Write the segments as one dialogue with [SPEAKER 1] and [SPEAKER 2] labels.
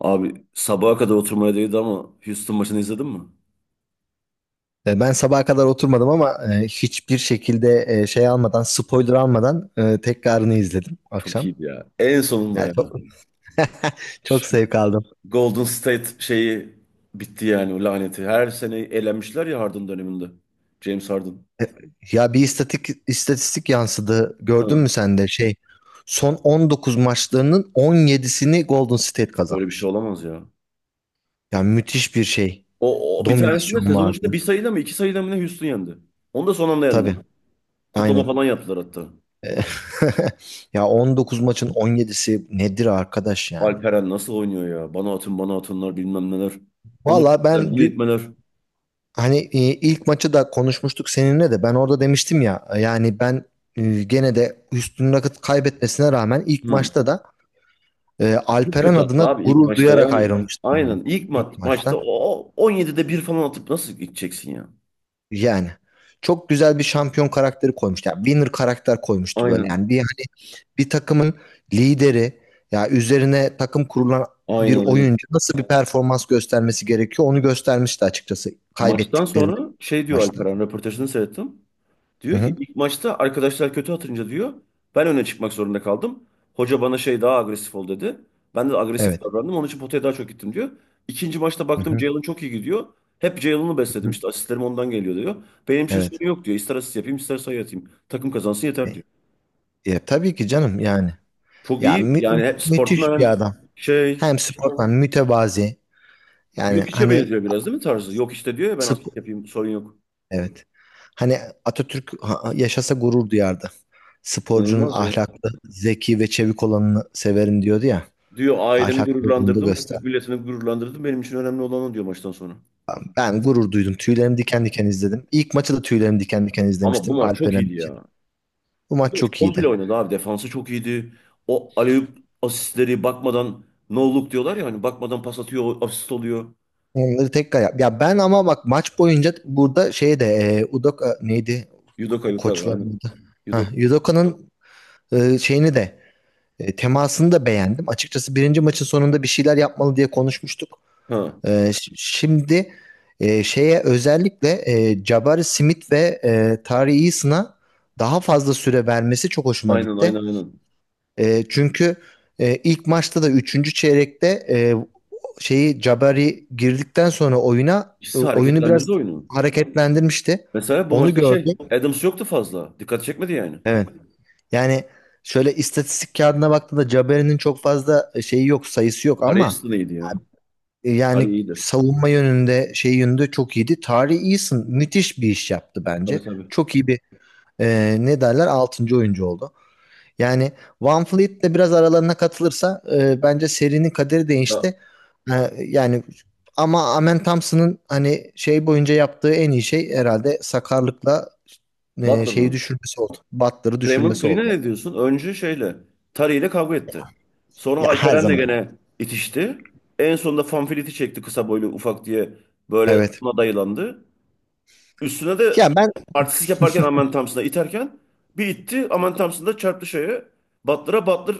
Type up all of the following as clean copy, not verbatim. [SPEAKER 1] Abi sabaha kadar oturmaya değdi ama Houston maçını izledin mi?
[SPEAKER 2] Ben sabaha kadar oturmadım ama hiçbir şekilde şey almadan, spoiler almadan tekrarını izledim
[SPEAKER 1] Çok
[SPEAKER 2] akşam.
[SPEAKER 1] iyiydi ya. En sonunda
[SPEAKER 2] Yani
[SPEAKER 1] yani.
[SPEAKER 2] çok, çok
[SPEAKER 1] Şu
[SPEAKER 2] zevk aldım.
[SPEAKER 1] Golden State şeyi bitti yani o laneti. Her sene elenmişler ya Harden döneminde. James Harden.
[SPEAKER 2] Ya bir istatistik yansıdı. Gördün mü
[SPEAKER 1] Ha,
[SPEAKER 2] sen de şey son 19 maçlarının 17'sini Golden State
[SPEAKER 1] böyle bir şey
[SPEAKER 2] kazanmış.
[SPEAKER 1] olamaz ya.
[SPEAKER 2] Yani müthiş bir şey.
[SPEAKER 1] O bir tanesinde
[SPEAKER 2] Dominasyon
[SPEAKER 1] sezon içinde bir
[SPEAKER 2] vardı.
[SPEAKER 1] sayıda mı iki sayıda mı ne Houston yendi. Onu da son anda yendi.
[SPEAKER 2] Tabii,
[SPEAKER 1] Kutlama
[SPEAKER 2] aynen.
[SPEAKER 1] falan yaptılar hatta.
[SPEAKER 2] E, Ya 19 maçın 17'si nedir arkadaş yani?
[SPEAKER 1] Alperen nasıl oynuyor ya? Bana atın bana atınlar bilmem neler. Onu
[SPEAKER 2] Valla
[SPEAKER 1] itmeler
[SPEAKER 2] ben
[SPEAKER 1] bunu
[SPEAKER 2] dü-
[SPEAKER 1] itmeler.
[SPEAKER 2] Hani ilk maçı da konuşmuştuk seninle de ben orada demiştim ya yani gene de Houston Rockets kaybetmesine rağmen ilk
[SPEAKER 1] Hı.
[SPEAKER 2] maçta da
[SPEAKER 1] Çok
[SPEAKER 2] Alperen
[SPEAKER 1] kötü hatta
[SPEAKER 2] adına
[SPEAKER 1] abi ilk
[SPEAKER 2] gurur
[SPEAKER 1] maçta
[SPEAKER 2] duyarak
[SPEAKER 1] yani.
[SPEAKER 2] ayrılmıştım ben
[SPEAKER 1] Aynen
[SPEAKER 2] ilk maçta.
[SPEAKER 1] maçta o 17'de bir falan atıp nasıl gideceksin ya?
[SPEAKER 2] Yani çok güzel bir şampiyon karakteri koymuş. Yani winner karakter koymuştu böyle.
[SPEAKER 1] Aynen.
[SPEAKER 2] Yani bir takımın lideri, ya üzerine takım kurulan bir
[SPEAKER 1] Aynen aynen.
[SPEAKER 2] oyuncu nasıl bir performans göstermesi gerekiyor onu göstermişti açıkçası
[SPEAKER 1] Maçtan
[SPEAKER 2] kaybettiklerini
[SPEAKER 1] sonra şey diyor
[SPEAKER 2] maçta.
[SPEAKER 1] Alperen röportajını seyrettim.
[SPEAKER 2] Hı
[SPEAKER 1] Diyor ki
[SPEAKER 2] hı.
[SPEAKER 1] ilk maçta arkadaşlar kötü atınca diyor ben öne çıkmak zorunda kaldım. Hoca bana şey daha agresif ol dedi. Ben de agresif
[SPEAKER 2] Evet.
[SPEAKER 1] davrandım onun için potaya daha çok gittim diyor. İkinci maçta
[SPEAKER 2] Hı
[SPEAKER 1] baktım
[SPEAKER 2] hı.
[SPEAKER 1] Jalen çok iyi gidiyor. Hep Jalen'ı
[SPEAKER 2] Hı
[SPEAKER 1] besledim
[SPEAKER 2] hı.
[SPEAKER 1] işte asistlerim ondan geliyor diyor. Benim için
[SPEAKER 2] Evet.
[SPEAKER 1] sorun yok diyor. İster asist yapayım ister sayı atayım. Takım kazansın
[SPEAKER 2] E,
[SPEAKER 1] yeter diyor.
[SPEAKER 2] Ya tabii ki canım yani.
[SPEAKER 1] Çok
[SPEAKER 2] Ya
[SPEAKER 1] iyi. Yani hep
[SPEAKER 2] müthiş bir
[SPEAKER 1] sportman
[SPEAKER 2] adam.
[SPEAKER 1] şey
[SPEAKER 2] Hem sportman mütevazi. Yani
[SPEAKER 1] yok içe
[SPEAKER 2] hani
[SPEAKER 1] benziyor biraz değil mi tarzı? Yok işte diyor ya ben asist
[SPEAKER 2] sp-
[SPEAKER 1] yapayım sorun yok.
[SPEAKER 2] evet. Hani Atatürk yaşasa gurur duyardı. Sporcunun
[SPEAKER 1] İnanılmaz ya.
[SPEAKER 2] ahlaklı, zeki ve çevik olanını severim diyordu ya.
[SPEAKER 1] Diyor ailemi
[SPEAKER 2] Ahlaklı olduğunu da
[SPEAKER 1] gururlandırdım.
[SPEAKER 2] göster.
[SPEAKER 1] Türk milletini gururlandırdım. Benim için önemli olan o diyor maçtan sonra.
[SPEAKER 2] Ben gurur duydum. Tüylerim diken diken izledim. İlk maçı da tüylerim diken diken
[SPEAKER 1] Ama bu
[SPEAKER 2] izlemiştim
[SPEAKER 1] maç çok
[SPEAKER 2] Alperen
[SPEAKER 1] iyiydi
[SPEAKER 2] için.
[SPEAKER 1] ya.
[SPEAKER 2] Bu
[SPEAKER 1] Bu
[SPEAKER 2] maç
[SPEAKER 1] maç
[SPEAKER 2] çok
[SPEAKER 1] komple
[SPEAKER 2] iyiydi.
[SPEAKER 1] oynadı abi. Defansı çok iyiydi. O alley-oop asistleri bakmadan no look diyorlar ya hani bakmadan pas atıyor asist oluyor.
[SPEAKER 2] Onları tekrar yap. Ya ben ama bak maç boyunca burada şey de Udoka neydi?
[SPEAKER 1] Yudoka
[SPEAKER 2] O
[SPEAKER 1] Yudoka aynen.
[SPEAKER 2] koçların adı. Ha,
[SPEAKER 1] Yudoka.
[SPEAKER 2] Udoka'nın şeyini de temasını da beğendim. Açıkçası birinci maçın sonunda bir şeyler yapmalı diye konuşmuştuk.
[SPEAKER 1] Ha,
[SPEAKER 2] Şimdi şeye özellikle Jabari Smith ve Tari Eason'a daha fazla süre vermesi çok hoşuma
[SPEAKER 1] aynen aynen
[SPEAKER 2] gitti.
[SPEAKER 1] aynen.
[SPEAKER 2] Çünkü ilk maçta da üçüncü çeyrekte şeyi Jabari girdikten sonra oyuna
[SPEAKER 1] İkisi
[SPEAKER 2] oyunu biraz
[SPEAKER 1] hareketlendirdi oyunu.
[SPEAKER 2] hareketlendirmişti.
[SPEAKER 1] Mesela bu
[SPEAKER 2] Onu
[SPEAKER 1] maçta şey
[SPEAKER 2] gördüm.
[SPEAKER 1] Adams yoktu fazla. Dikkat çekmedi yani.
[SPEAKER 2] Evet. Yani şöyle istatistik kağıdına baktığında Jabari'nin çok fazla şeyi yok, sayısı yok ama
[SPEAKER 1] Carey ya. Curry
[SPEAKER 2] yani
[SPEAKER 1] iyiydi.
[SPEAKER 2] savunma yönünde, şey yönünde çok iyiydi. Tari Eason müthiş bir iş yaptı
[SPEAKER 1] Tabii
[SPEAKER 2] bence.
[SPEAKER 1] tabii.
[SPEAKER 2] Çok iyi bir ne derler 6. oyuncu oldu. Yani Van Fleet de biraz aralarına katılırsa bence serinin kaderi
[SPEAKER 1] Ha,
[SPEAKER 2] değişti. Yani ama Amen Thompson'ın hani şey boyunca yaptığı en iyi şey herhalde sakarlıkla
[SPEAKER 1] Butler
[SPEAKER 2] şeyi
[SPEAKER 1] mı?
[SPEAKER 2] düşürmesi oldu. Butler'ı
[SPEAKER 1] Raymond
[SPEAKER 2] düşürmesi oldu
[SPEAKER 1] Green'e ne
[SPEAKER 2] yani.
[SPEAKER 1] diyorsun? Önce şeyle Curry ile kavga etti. Sonra
[SPEAKER 2] Ya her
[SPEAKER 1] Alperen'le
[SPEAKER 2] zaman.
[SPEAKER 1] gene itişti. En sonunda Fanfiliti çekti kısa boylu ufak diye böyle
[SPEAKER 2] Evet.
[SPEAKER 1] ona dayılandı. Üstüne de
[SPEAKER 2] Ya ben
[SPEAKER 1] artistlik yaparken Aman Thompson'a iterken bir itti. Aman Thompson da çarptı şeye. Butler'a Butler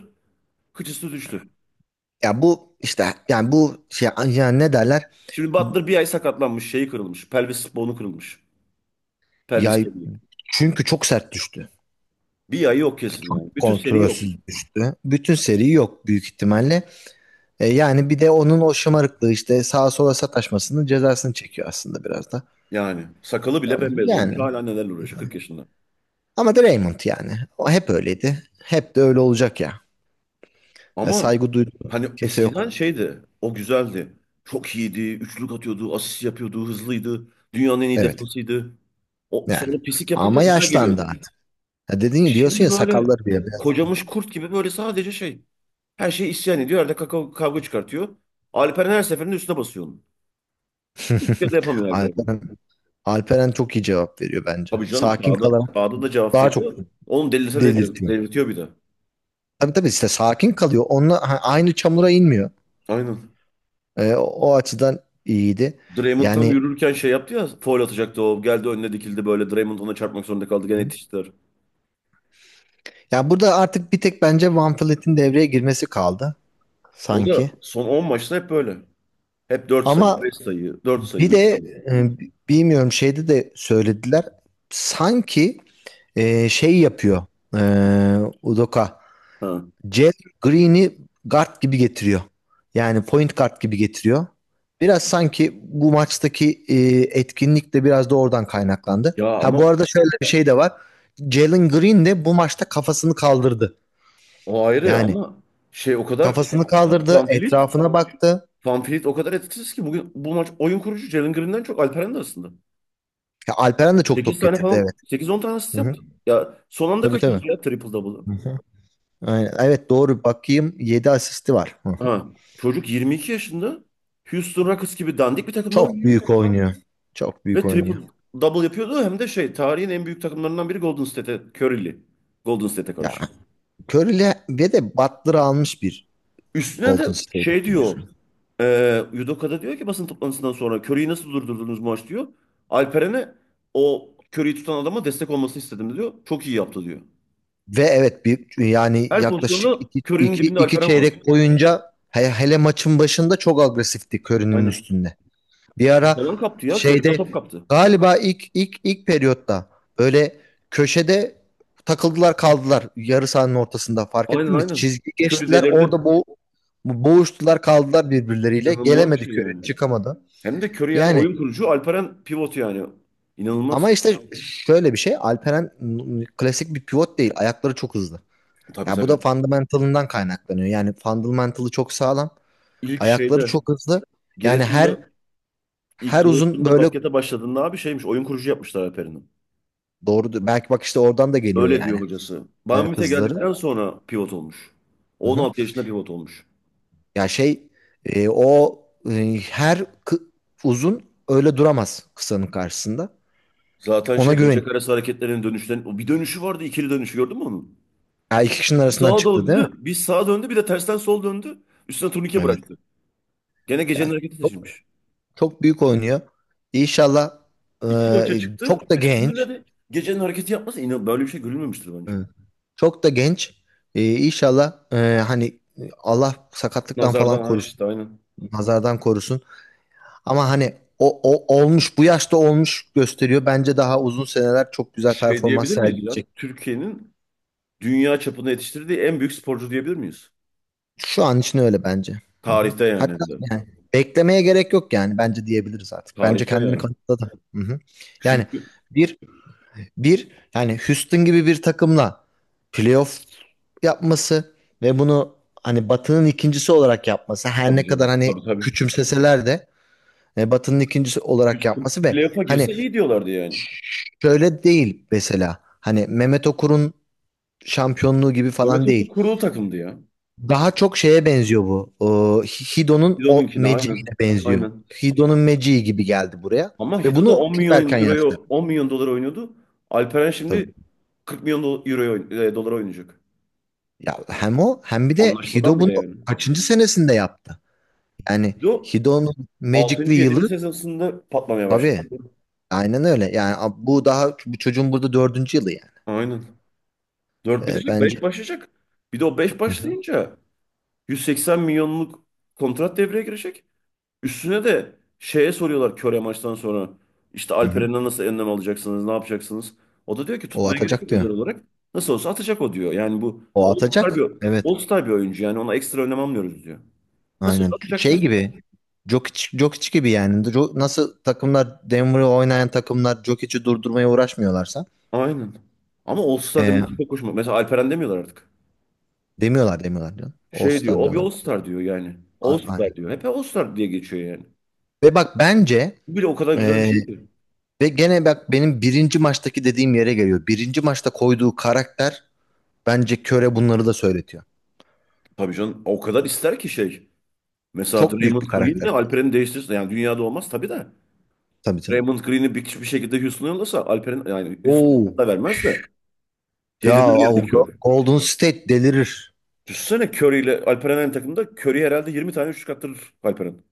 [SPEAKER 1] kıçısı düştü.
[SPEAKER 2] ya bu işte yani bu şey ya ne derler?
[SPEAKER 1] Şimdi Butler bir ay sakatlanmış, şeyi kırılmış. Pelvis bonu kırılmış. Pelvis
[SPEAKER 2] Ya
[SPEAKER 1] kemiği.
[SPEAKER 2] çünkü çok sert düştü.
[SPEAKER 1] Bir ay yok kesin yani.
[SPEAKER 2] Çok
[SPEAKER 1] Bütün seri yok.
[SPEAKER 2] kontrolsüz düştü. Bütün seri yok büyük ihtimalle. Yani bir de onun o şımarıklığı işte sağa sola sataşmasının cezasını çekiyor aslında biraz da.
[SPEAKER 1] Yani sakalı bile
[SPEAKER 2] Ama
[SPEAKER 1] bembeyaz olmuş
[SPEAKER 2] Yani
[SPEAKER 1] hala nelerle uğraşıyor 40 yaşında.
[SPEAKER 2] ama da Raymond yani. O hep öyleydi. Hep de öyle olacak ya. Ya
[SPEAKER 1] Ama
[SPEAKER 2] saygı duydu.
[SPEAKER 1] hani
[SPEAKER 2] Kimse yok.
[SPEAKER 1] eskiden şeydi o güzeldi. Çok iyiydi. Üçlük atıyordu. Asist yapıyordu. Hızlıydı. Dünyanın en iyi
[SPEAKER 2] Evet.
[SPEAKER 1] defansıydı. O,
[SPEAKER 2] Yani.
[SPEAKER 1] sonra pislik yapınca
[SPEAKER 2] Ama
[SPEAKER 1] güzel
[SPEAKER 2] yaşlandı
[SPEAKER 1] geliyordu.
[SPEAKER 2] artık. Ya dediğin diyorsun
[SPEAKER 1] Şimdi
[SPEAKER 2] ya
[SPEAKER 1] böyle
[SPEAKER 2] sakalları bile beyazladı.
[SPEAKER 1] kocamış kurt gibi böyle sadece şey. Her şeyi isyan ediyor. Arada kavga çıkartıyor. Alperen her seferinde üstüne basıyor onu. Hiçbir şey de yapamıyor Alperen.
[SPEAKER 2] Alperen, Alperen çok iyi cevap veriyor bence.
[SPEAKER 1] Tabii canım
[SPEAKER 2] Sakin
[SPEAKER 1] sağda,
[SPEAKER 2] kalarak
[SPEAKER 1] sağda da cevap
[SPEAKER 2] daha çok
[SPEAKER 1] veriyor. Onu delirse de
[SPEAKER 2] delirtiyor.
[SPEAKER 1] delirtiyor bir de.
[SPEAKER 2] Tabii tabii işte sakin kalıyor. Onunla ha, aynı çamura inmiyor.
[SPEAKER 1] Aynen.
[SPEAKER 2] O açıdan iyiydi.
[SPEAKER 1] Draymond tam
[SPEAKER 2] Yani
[SPEAKER 1] yürürken şey yaptı ya foul atacaktı o. Geldi önüne dikildi böyle. Draymond ona çarpmak zorunda kaldı. Gene yetiştiler.
[SPEAKER 2] Ya burada artık bir tek bence Van Vliet'in devreye girmesi kaldı
[SPEAKER 1] O da
[SPEAKER 2] sanki.
[SPEAKER 1] son 10 maçta hep böyle. Hep 4 sayı,
[SPEAKER 2] Ama
[SPEAKER 1] 5 sayı, 4 sayı,
[SPEAKER 2] bir
[SPEAKER 1] üç
[SPEAKER 2] de
[SPEAKER 1] sayı.
[SPEAKER 2] e, bilmiyorum şeyde de söylediler. Sanki şey yapıyor, e, Udoka.
[SPEAKER 1] Ha.
[SPEAKER 2] Jalen Green'i guard gibi getiriyor. Yani point guard gibi getiriyor. Biraz sanki bu maçtaki etkinlik de biraz da oradan kaynaklandı.
[SPEAKER 1] Ya
[SPEAKER 2] Ha
[SPEAKER 1] ama
[SPEAKER 2] bu arada şöyle bir şey de var. Jalen Green de bu maçta kafasını kaldırdı.
[SPEAKER 1] o ayrı
[SPEAKER 2] Yani
[SPEAKER 1] ama şey o kadar etkisiz
[SPEAKER 2] Kafasını kaldırdı,
[SPEAKER 1] Vanfleet.
[SPEAKER 2] etrafına baktı.
[SPEAKER 1] Vanfleet o kadar etkisiz ki bugün bu maç oyun kurucu Jalen Green'den çok Alperen de aslında.
[SPEAKER 2] Ya Alperen de çok
[SPEAKER 1] Sekiz
[SPEAKER 2] top
[SPEAKER 1] tane
[SPEAKER 2] getirdi evet.
[SPEAKER 1] falan sekiz on tane
[SPEAKER 2] Hı
[SPEAKER 1] asist
[SPEAKER 2] hı.
[SPEAKER 1] yaptı. Ya son anda
[SPEAKER 2] Tabii
[SPEAKER 1] kaçırdı
[SPEAKER 2] tabii.
[SPEAKER 1] ya triple double'ı.
[SPEAKER 2] Hı hı. Aynen. Evet doğru bakayım 7 asisti var. Hı hı.
[SPEAKER 1] Ha. Çocuk 22 yaşında Houston Rockets gibi dandik bir takımda
[SPEAKER 2] Çok
[SPEAKER 1] oynuyor.
[SPEAKER 2] büyük oynuyor. Çok büyük
[SPEAKER 1] Ve
[SPEAKER 2] oynuyor.
[SPEAKER 1] triple double yapıyordu hem de şey tarihin en büyük takımlarından biri Golden State'e Curry'li. Golden State'e
[SPEAKER 2] Ya
[SPEAKER 1] karşı.
[SPEAKER 2] Curry'le ve de Butler'ı almış bir
[SPEAKER 1] Üstüne de
[SPEAKER 2] Golden State
[SPEAKER 1] şey
[SPEAKER 2] var.
[SPEAKER 1] diyor. Yudoka'da diyor ki basın toplantısından sonra Curry'i nasıl durdurdunuz maç diyor. Alperen'e o Curry'i tutan adama destek olmasını istedim diyor. Çok iyi yaptı diyor.
[SPEAKER 2] Ve evet bir yani
[SPEAKER 1] Her
[SPEAKER 2] yaklaşık
[SPEAKER 1] pozisyonda Curry'nin dibinde
[SPEAKER 2] iki
[SPEAKER 1] Alperen var.
[SPEAKER 2] çeyrek boyunca hele maçın başında çok agresifti Curry'nin
[SPEAKER 1] Aynen.
[SPEAKER 2] üstünde. Bir
[SPEAKER 1] Top
[SPEAKER 2] ara
[SPEAKER 1] falan kaptı ya. Curry'den
[SPEAKER 2] şeyde
[SPEAKER 1] top kaptı.
[SPEAKER 2] galiba ilk periyotta böyle köşede takıldılar kaldılar yarı sahanın ortasında fark
[SPEAKER 1] Aynen
[SPEAKER 2] ettin mi?
[SPEAKER 1] aynen.
[SPEAKER 2] Çizgi
[SPEAKER 1] Curry
[SPEAKER 2] geçtiler
[SPEAKER 1] delirdi.
[SPEAKER 2] orada boğuştular kaldılar birbirleriyle,
[SPEAKER 1] İnanılmaz bir
[SPEAKER 2] gelemedi
[SPEAKER 1] şey
[SPEAKER 2] köre,
[SPEAKER 1] yani.
[SPEAKER 2] çıkamadı.
[SPEAKER 1] Hem de Curry yani
[SPEAKER 2] Yani
[SPEAKER 1] oyun kurucu Alperen pivot yani. İnanılmaz.
[SPEAKER 2] ama işte şöyle bir şey, Alperen klasik bir pivot değil, ayakları çok hızlı.
[SPEAKER 1] Tabii
[SPEAKER 2] Ya bu da
[SPEAKER 1] tabii.
[SPEAKER 2] fundamentalından kaynaklanıyor. Yani fundamentalı çok sağlam.
[SPEAKER 1] İlk
[SPEAKER 2] Ayakları
[SPEAKER 1] şeyde
[SPEAKER 2] çok hızlı. Yani her
[SPEAKER 1] Giresun'da ilk
[SPEAKER 2] her uzun
[SPEAKER 1] Giresun'da
[SPEAKER 2] böyle,
[SPEAKER 1] baskete başladığında abi şeymiş oyun kurucu yapmışlar Alperen'i.
[SPEAKER 2] doğru belki bak işte oradan da geliyor
[SPEAKER 1] Öyle diyor
[SPEAKER 2] yani.
[SPEAKER 1] hocası.
[SPEAKER 2] Ayak
[SPEAKER 1] Banvit'e geldikten
[SPEAKER 2] hızları.
[SPEAKER 1] sonra pivot olmuş.
[SPEAKER 2] Hı hı.
[SPEAKER 1] 16 yaşında pivot olmuş.
[SPEAKER 2] Ya şey e, o e, her kı- uzun öyle duramaz kısanın karşısında.
[SPEAKER 1] Zaten
[SPEAKER 2] Ona
[SPEAKER 1] şey
[SPEAKER 2] güven.
[SPEAKER 1] bacak arası hareketlerinin dönüşten o bir dönüşü vardı ikili dönüşü gördün mü onu?
[SPEAKER 2] Ya iki kişinin
[SPEAKER 1] Bir
[SPEAKER 2] arasından
[SPEAKER 1] sağa
[SPEAKER 2] çıktı değil mi?
[SPEAKER 1] döndü, bir sağa döndü bir de tersten sol döndü. Üstüne turnike
[SPEAKER 2] Evet.
[SPEAKER 1] bıraktı. Gene
[SPEAKER 2] Ya
[SPEAKER 1] gecenin hareketi
[SPEAKER 2] çok,
[SPEAKER 1] taşınmış.
[SPEAKER 2] çok büyük oynuyor. İnşallah
[SPEAKER 1] İki maça çıktı.
[SPEAKER 2] çok da
[SPEAKER 1] İkisinde
[SPEAKER 2] genç.
[SPEAKER 1] de gecenin hareketi yapması inan böyle bir şey görülmemiştir bence.
[SPEAKER 2] Hı. Çok da genç. İnşallah hani Allah sakatlıktan
[SPEAKER 1] Nazardan
[SPEAKER 2] falan
[SPEAKER 1] ha
[SPEAKER 2] korusun.
[SPEAKER 1] işte aynen.
[SPEAKER 2] Nazardan korusun. Ama hani o olmuş, bu yaşta olmuş, gösteriyor. Bence daha uzun seneler çok güzel
[SPEAKER 1] Şey
[SPEAKER 2] performans
[SPEAKER 1] diyebilir miyiz ya?
[SPEAKER 2] sergileyecek.
[SPEAKER 1] Türkiye'nin dünya çapında yetiştirdiği en büyük sporcu diyebilir miyiz?
[SPEAKER 2] Şu an için öyle bence. Hı hı.
[SPEAKER 1] Tarihte yani
[SPEAKER 2] Hatta
[SPEAKER 1] hem de.
[SPEAKER 2] yani beklemeye gerek yok yani bence diyebiliriz artık. Bence
[SPEAKER 1] Tarihte
[SPEAKER 2] kendini
[SPEAKER 1] yani.
[SPEAKER 2] kanıtladı. Hı hı. Yani
[SPEAKER 1] Çünkü
[SPEAKER 2] bir bir yani Houston gibi bir takımla playoff yapması ve bunu hani Batı'nın ikincisi olarak yapması, her
[SPEAKER 1] tabii
[SPEAKER 2] ne kadar
[SPEAKER 1] canım.
[SPEAKER 2] hani
[SPEAKER 1] Tabii tabii.
[SPEAKER 2] küçümseseler de, Batı'nın ikincisi olarak
[SPEAKER 1] Houston
[SPEAKER 2] yapması ve
[SPEAKER 1] playoff'a
[SPEAKER 2] hani
[SPEAKER 1] girse iyi diyorlardı yani.
[SPEAKER 2] şöyle değil, mesela hani Mehmet Okur'un şampiyonluğu gibi
[SPEAKER 1] Mehmet
[SPEAKER 2] falan
[SPEAKER 1] Ökü
[SPEAKER 2] değil.
[SPEAKER 1] kurulu takımdı ya.
[SPEAKER 2] Daha çok şeye benziyor bu. Hido'nun o
[SPEAKER 1] Hido'nunki de aynen.
[SPEAKER 2] magicine benziyor.
[SPEAKER 1] Aynen.
[SPEAKER 2] Hido'nun magici gibi geldi buraya.
[SPEAKER 1] Ama
[SPEAKER 2] Ve
[SPEAKER 1] Hido da
[SPEAKER 2] bunu
[SPEAKER 1] 10
[SPEAKER 2] çok
[SPEAKER 1] milyon
[SPEAKER 2] erken
[SPEAKER 1] euroya
[SPEAKER 2] yaşta yaptı
[SPEAKER 1] 10 milyon dolar oynuyordu. Alperen
[SPEAKER 2] tabii.
[SPEAKER 1] şimdi 40 milyon dolar oynayacak.
[SPEAKER 2] Ya hem o hem bir de
[SPEAKER 1] Anlaşmadan
[SPEAKER 2] Hido
[SPEAKER 1] bile
[SPEAKER 2] bunu
[SPEAKER 1] yani.
[SPEAKER 2] kaçıncı senesinde yaptı? Yani
[SPEAKER 1] Hido
[SPEAKER 2] Hido'nun Magic'li
[SPEAKER 1] 6. 7.
[SPEAKER 2] yılı
[SPEAKER 1] sezonunda patlamaya başladı.
[SPEAKER 2] tabii. Aynen öyle. Yani bu daha bu çocuğun burada dördüncü yılı yani.
[SPEAKER 1] Aynen. 4 bitecek,
[SPEAKER 2] Bence.
[SPEAKER 1] 5 başlayacak. Bir de o 5
[SPEAKER 2] Hı hı.
[SPEAKER 1] başlayınca 180 milyonluk kontrat devreye girecek. Üstüne de şeye soruyorlar köre maçtan sonra. İşte
[SPEAKER 2] Hı hı.
[SPEAKER 1] Alperen'den nasıl önlem alacaksınız, ne yapacaksınız? O da diyor ki
[SPEAKER 2] O
[SPEAKER 1] tutmaya gerek
[SPEAKER 2] atacak
[SPEAKER 1] yok
[SPEAKER 2] diyor.
[SPEAKER 1] özel olarak. Nasıl olsa atacak o diyor. Yani bu
[SPEAKER 2] O atacak. Evet.
[SPEAKER 1] All-Star bir oyuncu yani ona ekstra önlem almıyoruz diyor. Nasıl
[SPEAKER 2] Aynen.
[SPEAKER 1] olsa atacak
[SPEAKER 2] Şey
[SPEAKER 1] diyor.
[SPEAKER 2] gibi. Jokic gibi yani. Nasıl takımlar Denver'ı oynayan takımlar Jokic'i durdurmaya uğraşmıyorlarsa
[SPEAKER 1] Aynen. Ama All-Star
[SPEAKER 2] e,
[SPEAKER 1] demesi çok hoşuma. Mesela Alperen demiyorlar artık.
[SPEAKER 2] demiyorlar demiyorlar diyor.
[SPEAKER 1] Şey diyor,
[SPEAKER 2] All-Star
[SPEAKER 1] o bir
[SPEAKER 2] diyorlar.
[SPEAKER 1] All-Star diyor yani. All-Star
[SPEAKER 2] Aynen.
[SPEAKER 1] diyor. Hep All-Star diye geçiyor yani.
[SPEAKER 2] Ve bak bence
[SPEAKER 1] Bu bile o kadar güzel bir
[SPEAKER 2] e,
[SPEAKER 1] şey ki.
[SPEAKER 2] ve gene bak benim birinci maçtaki dediğim yere geliyor. Birinci maçta koyduğu karakter bence Köre bunları da söyletiyor.
[SPEAKER 1] Tabii canım o kadar ister ki şey. Mesela
[SPEAKER 2] Çok büyük bir
[SPEAKER 1] Draymond Green'le
[SPEAKER 2] karakter koydu.
[SPEAKER 1] Alperen'i değiştirse yani dünyada olmaz tabii de.
[SPEAKER 2] Tabii canım.
[SPEAKER 1] Draymond Green'i bir şekilde Houston'a yollasa Alperen yani Houston'a
[SPEAKER 2] Oo.
[SPEAKER 1] hatta vermez de
[SPEAKER 2] Ya
[SPEAKER 1] delirir
[SPEAKER 2] o
[SPEAKER 1] yani Curry.
[SPEAKER 2] Golden State delirir.
[SPEAKER 1] Düşünsene Curry ile Alperen aynı takımda Curry herhalde 20 tane üçlük attırır Alperen.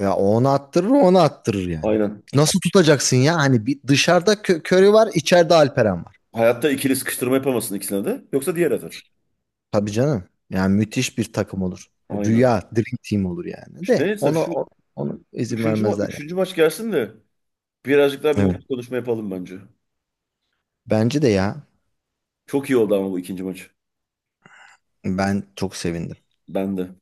[SPEAKER 2] Ya onu attırır yani.
[SPEAKER 1] Aynen.
[SPEAKER 2] Nasıl tutacaksın ya? Hani bir dışarıda Curry var, içeride Alperen var.
[SPEAKER 1] Hayatta ikili sıkıştırma yapamasın ikisine de yoksa diğer atar.
[SPEAKER 2] Tabii canım. Yani müthiş bir takım olur.
[SPEAKER 1] Aynen.
[SPEAKER 2] Rüya, dream team olur yani.
[SPEAKER 1] İşte
[SPEAKER 2] De
[SPEAKER 1] neyse
[SPEAKER 2] onu
[SPEAKER 1] şu
[SPEAKER 2] onu izin vermezler
[SPEAKER 1] üçüncü maç gelsin de birazcık daha bir
[SPEAKER 2] yani. Evet.
[SPEAKER 1] mutlu konuşma yapalım bence.
[SPEAKER 2] Bence de ya.
[SPEAKER 1] Çok iyi oldu ama bu ikinci maç.
[SPEAKER 2] Ben çok sevindim.
[SPEAKER 1] Ben de.